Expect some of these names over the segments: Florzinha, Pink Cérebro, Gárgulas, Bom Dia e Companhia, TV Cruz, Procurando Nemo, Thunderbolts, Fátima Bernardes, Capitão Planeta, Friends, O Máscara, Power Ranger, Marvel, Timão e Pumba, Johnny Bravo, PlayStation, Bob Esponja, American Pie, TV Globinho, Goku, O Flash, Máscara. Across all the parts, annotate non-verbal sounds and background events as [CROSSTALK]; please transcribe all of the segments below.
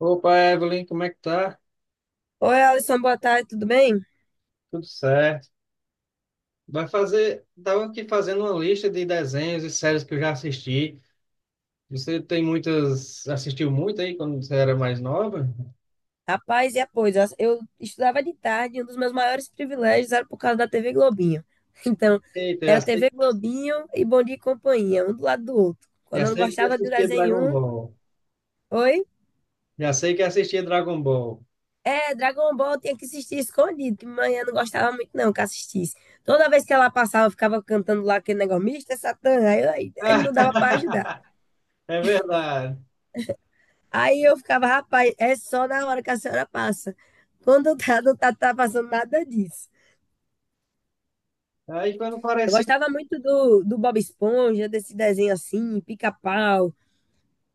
Opa, Evelyn, como é que tá? Oi, Alisson, boa tarde, tudo bem? Tudo certo. Vai fazer, tava aqui fazendo uma lista de desenhos e séries que eu já assisti. Você tem muitas, assistiu muito aí quando você era mais nova? Rapaz, e a coisa, eu estudava de tarde, e um dos meus maiores privilégios era por causa da TV Globinho. [LAUGHS] Então, Eita, era TV Globinho e Bom Dia e Companhia, um do lado do outro. Quando já eu não sei que gostava do assistia Dragon desenho um, Ball. oi? Já sei que assistia Dragon Ball. É, Dragon Ball tinha que assistir escondido, que manhã não gostava muito não que assistisse. Toda vez que ela passava, eu ficava cantando lá aquele negócio, Mr. Satan, aí, aí não dava pra ajudar. [LAUGHS] É verdade. Aí eu ficava, rapaz, é só na hora que a senhora passa. Quando tá, não tá, tá passando nada disso. Aí quando Eu parecia, gostava muito do Bob Esponja, desse desenho assim, pica-pau.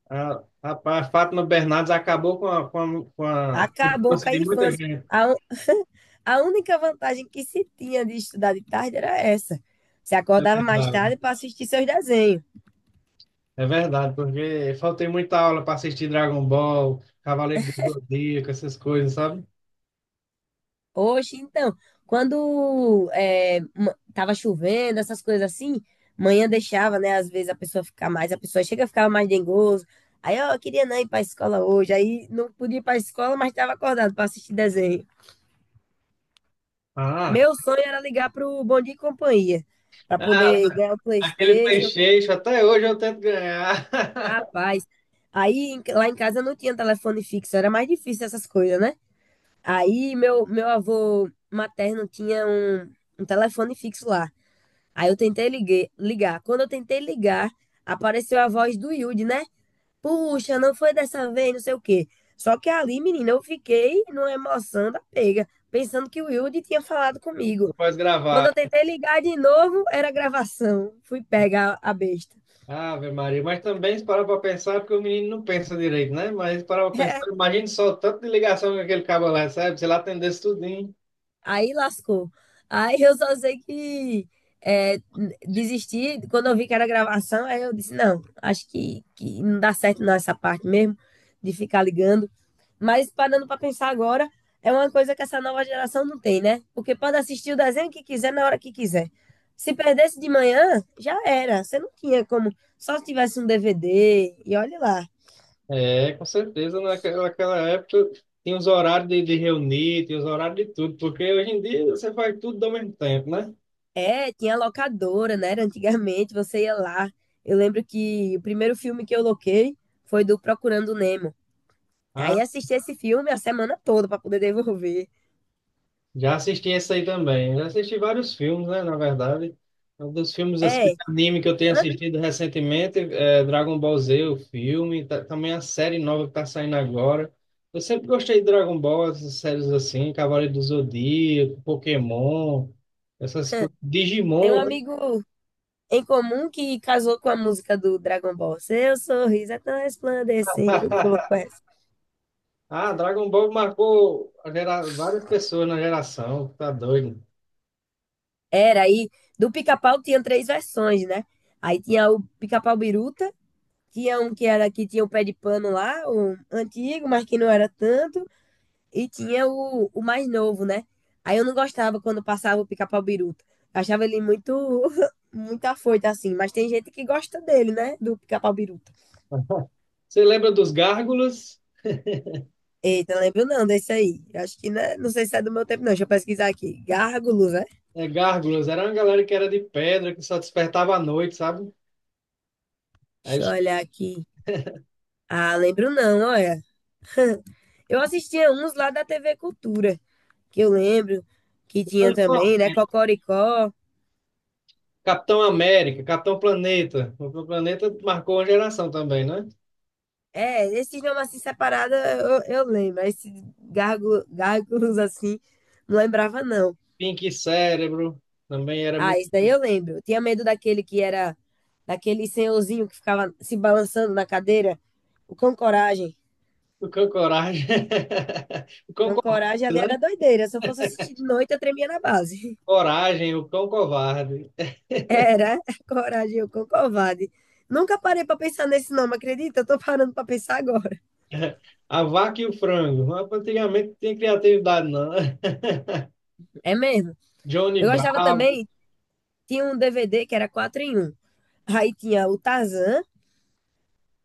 a Fátima Bernardes acabou com a Acabou infância com a de muita infância. gente. A, un- a única vantagem que se tinha de estudar de tarde era essa. Você É acordava mais verdade. tarde para assistir seus desenhos. É verdade, porque faltei muita aula para assistir Dragon Ball, Cavaleiro do Zodíaco, essas coisas, sabe? Hoje, então, quando é, tava chovendo, essas coisas assim, manhã deixava, né? Às vezes a pessoa ficar mais, a pessoa chega a ficar mais dengoso. Aí, ó, eu queria não ir para a escola hoje. Aí não podia ir para a escola, mas estava acordado para assistir desenho. Ah, Meu sonho era ligar pro Bom Dia e Companhia, para ah, poder ganhar o aquele PlayStation. PlayStation, até hoje eu tento ganhar. Rapaz, lá em casa não tinha telefone fixo, era mais difícil essas coisas, né? Aí meu avô materno tinha um telefone fixo lá. Aí eu tentei ligar. Quando eu tentei ligar, apareceu a voz do Yudi, né? Puxa, não foi dessa vez, não sei o quê. Só que ali, menina, eu fiquei numa emoção da pega, pensando que o Yudi tinha falado [LAUGHS] Não comigo. pode Quando gravar. eu tentei ligar de novo, era gravação. Fui pegar a besta. Ave Maria, mas também se parar para pensar, é porque o menino não pensa direito, né? Mas se parar para pensar, [LAUGHS] imagine só o tanto de ligação que aquele cabo lá recebe, se ele atendesse tudinho. Aí lascou. Aí eu só sei que é, desisti. Quando eu vi que era gravação, aí eu disse: não, acho que não dá certo não essa parte mesmo, de ficar ligando. Mas parando para pensar agora, é uma coisa que essa nova geração não tem, né? Porque pode assistir o desenho que quiser na hora que quiser. Se perdesse de manhã, já era. Você não tinha como. Só se tivesse um DVD, e olhe lá. É, com certeza, naquela época tinha os horários de reunir, tinha os horários de tudo, porque hoje em dia você faz tudo ao mesmo tempo, né? É, tinha locadora, né? Era antigamente você ia lá. Eu lembro que o primeiro filme que eu loquei foi do Procurando Nemo. Aí assisti esse filme a semana toda para poder devolver. Já assisti esse aí também. Já assisti vários filmes, né? Na verdade, é um dos filmes assim, de É, anime que eu tenho an- assistido recentemente é Dragon Ball Z, o filme, também a série nova que tá saindo agora. Eu sempre gostei de Dragon Ball, essas séries assim, Cavaleiro do Zodíaco, Pokémon, essas [LAUGHS] coisas, Tem um Digimon, né? amigo em comum que casou com a música do Dragon Ball. Seu sorriso é tão resplandecente, ele [LAUGHS] colocou essa. Ah, Dragon Ball marcou a várias pessoas na geração, tá doido. Era aí, do Pica-Pau tinha três versões, né? Aí tinha o Pica-Pau Biruta, tinha um que era que tinha o pé de pano lá, o antigo, mas que não era tanto. E tinha o mais novo, né? Aí eu não gostava quando passava o pica-pau biruta. Eu achava ele muito, [LAUGHS] muito afoito, assim. Mas tem gente que gosta dele, né? Do pica-pau biruta. Você lembra dos Gárgulas? Eita, não lembro não desse aí. Eu acho que né? Não sei se é do meu tempo, não. Deixa eu pesquisar aqui. Gárgulos, né? É, Gárgulas, era uma galera que era de pedra, que só despertava à noite, sabe? Aí Deixa eu os olhar aqui. Ah, lembro não, olha. Eu assistia uns lá da TV Cultura, que eu lembro que tinha anos também, né? Cocoricó. Capitão América, Capitão Planeta. O Capitão Planeta marcou uma geração também, né? É, esse idioma assim separado eu lembro. Esse gárgulos assim, não lembrava, não. Pink Cérebro também era Ah, muito esse daí eu lembro. Eu tinha medo daquele que era, daquele senhorzinho que ficava se balançando na cadeira. O Cão Coragem. o Cão Coragem. [LAUGHS] O Cão Cão Covarde, Coragem ali né? era doideira. Se eu fosse assistir de noite, eu tremia na base. Coragem, o Cão Covarde. [LAUGHS] Era [LAUGHS] Coragem, o Cão Covarde. Nunca parei pra pensar nesse nome, acredita? Eu tô parando pra pensar agora. [LAUGHS] [LAUGHS] A Vaca e o Frango. Mas antigamente não tinha criatividade, não, né? [LAUGHS] É mesmo. Johnny Eu gostava Bravo. também, tinha um DVD que era 4 em um. Aí tinha o Tarzan.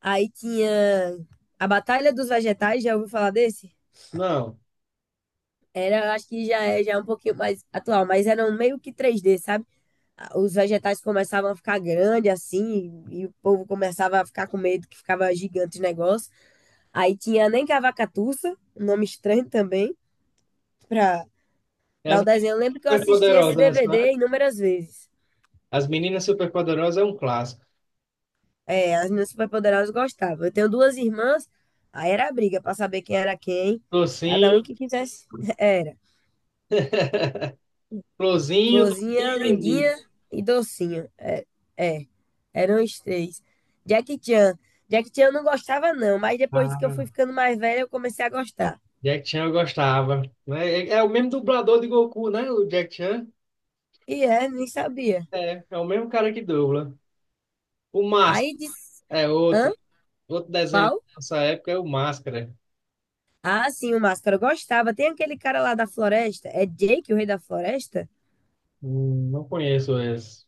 Aí tinha a Batalha dos Vegetais, já ouviu falar desse? Não. Era, acho que já é um pouquinho mais atual, mas era um meio que 3D, sabe? Ah, os vegetais começavam a ficar grandes assim, e o povo começava a ficar com medo que ficava gigante o negócio. Aí tinha Nem que a Cavacatuça, um nome estranho também, pra, pra As o meninas desenho. Eu lembro que eu assisti esse superpoderosas, né, DVD senhora? inúmeras vezes. As meninas superpoderosas é um clássico. É, as minhas superpoderosas gostavam. Eu tenho duas irmãs, aí era briga pra saber quem era quem, cada um Docinho, que quisesse. [LAUGHS] Era. [LAUGHS] Flozinho, Florzinha, Docinho e Lindinho. lindinha e docinho. É, eram os três. Jack Chan. Jack Chan eu não gostava, não, mas depois que eu fui ficando mais velha, eu comecei a gostar. Jack Chan eu gostava, né? É, é o mesmo dublador de Goku, né? O Jack Chan E é, nem sabia. é, é o mesmo cara que dubla. O Máscara Aí disse, é hã? outro desenho da Qual? nossa época é o Máscara. Ah, sim, o Máscara eu gostava. Tem aquele cara lá da floresta. É Jake, o rei da floresta? Não conheço esse.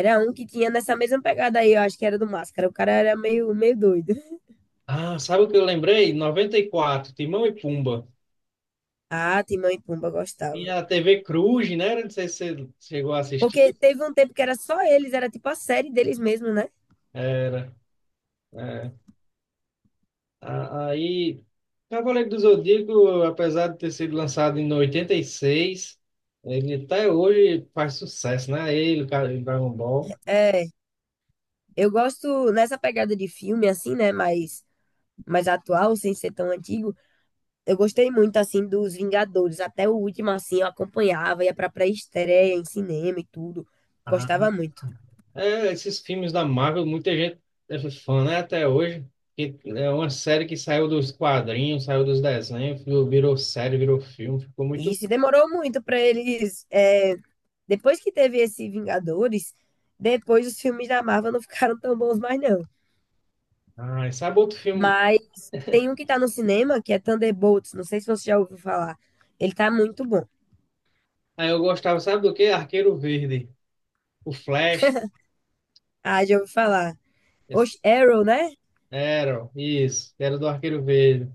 Era um que tinha nessa mesma pegada aí, eu acho que era do Máscara. O cara era meio doido. [LAUGHS] Ah, sabe o que eu lembrei? 94, Timão e Pumba. Ah, Timão e Pumba eu gostava. Tinha a TV Cruz, né? Não sei se você chegou a Porque assistir. teve um tempo que era só eles, era tipo a série deles mesmo, né? Era. É. Aí, Cavaleiro do Zodíaco, apesar de ter sido lançado em 86, ele até hoje faz sucesso, né? Ele, o cara, o Dragon Ball. É, eu gosto nessa pegada de filme, assim, né? Mais atual, sem ser tão antigo. Eu gostei muito, assim, dos Vingadores. Até o último, assim, eu acompanhava, ia pra pré-estreia em cinema e tudo. Aham. Gostava muito. É, esses filmes da Marvel, muita gente é fã, né? Até hoje. Que é uma série que saiu dos quadrinhos, saiu dos desenhos, virou série, virou filme, ficou E muito. isso demorou muito pra eles. Depois que teve esse Vingadores, depois os filmes da Marvel não [LAUGHS] ficaram tão bons mais, não. Ah, e sabe outro filme? Mas tem um que tá no cinema, que é Thunderbolts. Não sei se você já ouviu falar. Ele tá muito bom. Aí eu gostava, sabe do quê? Arqueiro Verde. O Flash. Ah, já ouvi falar. Esse- Oxe, Arrow, né? era, isso, era do Arqueiro Verde.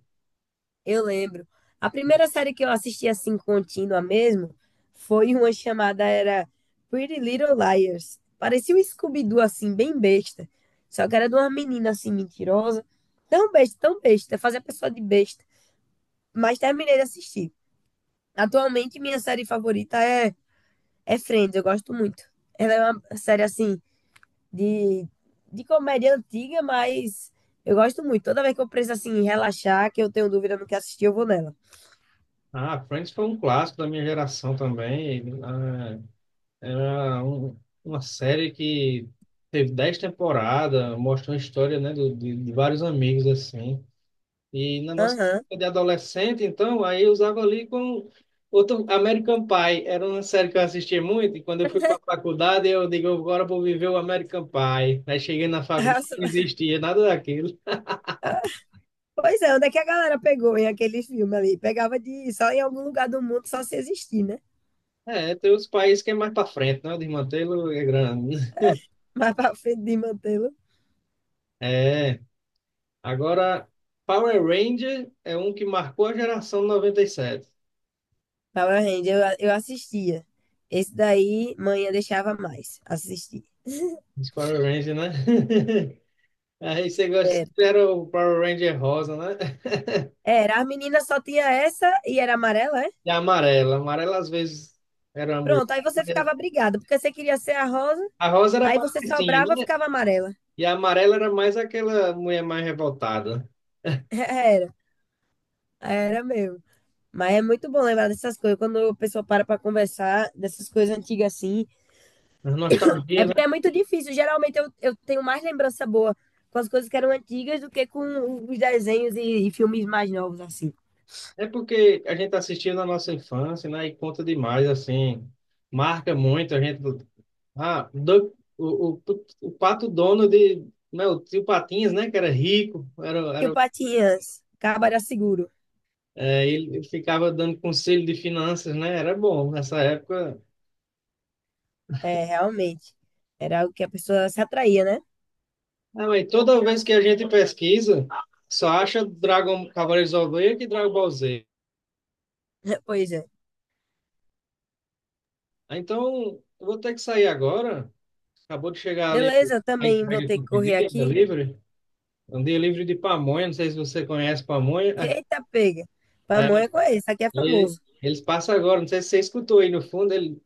Eu lembro. A primeira série que eu assisti assim contínua mesmo foi uma chamada era Pretty Little Liars. Parecia um Scooby-Doo assim bem besta. Só que era de uma menina assim mentirosa, tão besta, fazer a pessoa de besta. Mas terminei de assistir. Atualmente minha série favorita é Friends, eu gosto muito. Ela é uma série assim de de comédia antiga, mas eu gosto muito. Toda vez que eu preciso assim relaxar, que eu tenho dúvida no que assistir, eu vou nela. Ah, Friends foi um clássico da minha geração também. Ah, era uma série que teve 10 temporadas, mostrou a história, né, de vários amigos, assim. E na nossa Aham. época de adolescente, então, aí eu usava ali com outro American Pie. Era uma série que eu assistia muito, e quando eu fui para a [LAUGHS] faculdade, eu digo, agora eu vou viver o American Pie. Aí cheguei na [LAUGHS] faculdade, não Racionais. existia nada daquilo. Pois é, onde é que a galera pegou em aquele filme ali? Pegava de só em algum lugar do mundo, só se existir, né? É, tem os países que é mais para frente, né? O desmantelo é grande. [LAUGHS] Mas pra frente de mantê-lo. É. Agora, Power Ranger é um que marcou a geração 97. Power Ranger, eu assistia. Esse daí, manhã deixava mais assistir. [LAUGHS] Os Power Rangers, né? [LAUGHS] Aí você gosta, Era. era o Power Ranger rosa, né? Era, a menina só tinha essa e era amarela, é? E a amarela. A amarela às vezes era a mulher. Pronto, aí você Mas ficava brigada, porque você queria ser a rosa, a rosa era a aí você patricinha, sobrava, né? ficava amarela. E a amarela era mais aquela mulher mais revoltada. [LAUGHS] Era, era mesmo. Mas é muito bom lembrar dessas coisas, quando a pessoa para pra conversar dessas coisas antigas assim, A nostalgia, é né? porque é muito difícil. Geralmente eu tenho mais lembrança boa com as coisas que eram antigas do que com os desenhos e filmes mais novos, assim. É porque a gente assistiu na nossa infância, né? E conta demais, assim. Marca muito a gente. Ah, do, o pato dono de, né, o tio Patinhas, né, que era rico, era, Que o era, Patinhas, Cabo seguro. é, ele ficava dando conselho de finanças, né, era bom nessa época. É, realmente. Era algo que a pessoa se atraía, né? Ah, mas toda vez que a gente pesquisa, só acha Dragon Cavaleiros do Zodíaco e Dragon Ball Z. [LAUGHS] Pois é. Ah, então, eu vou ter que sair agora. Acabou de chegar ali Beleza, eu a também vou entrega que ter que eu correr pedi, a aqui. delivery. É um delivery de pamonha, não sei se você conhece pamonha. Eita, pega. É, Pamonha é com esse, aqui é e famoso. eles passam agora, não sei se você escutou aí no fundo, ele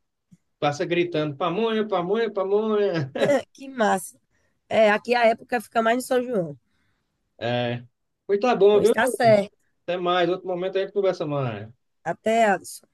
passa gritando, pamonha, pamonha, pamonha. [LAUGHS] Que massa. É, aqui a época fica mais no São João. É. Pois tá bom, Pois viu? tá certo. Até mais. Outro momento a gente conversa mais. Até, Alisson.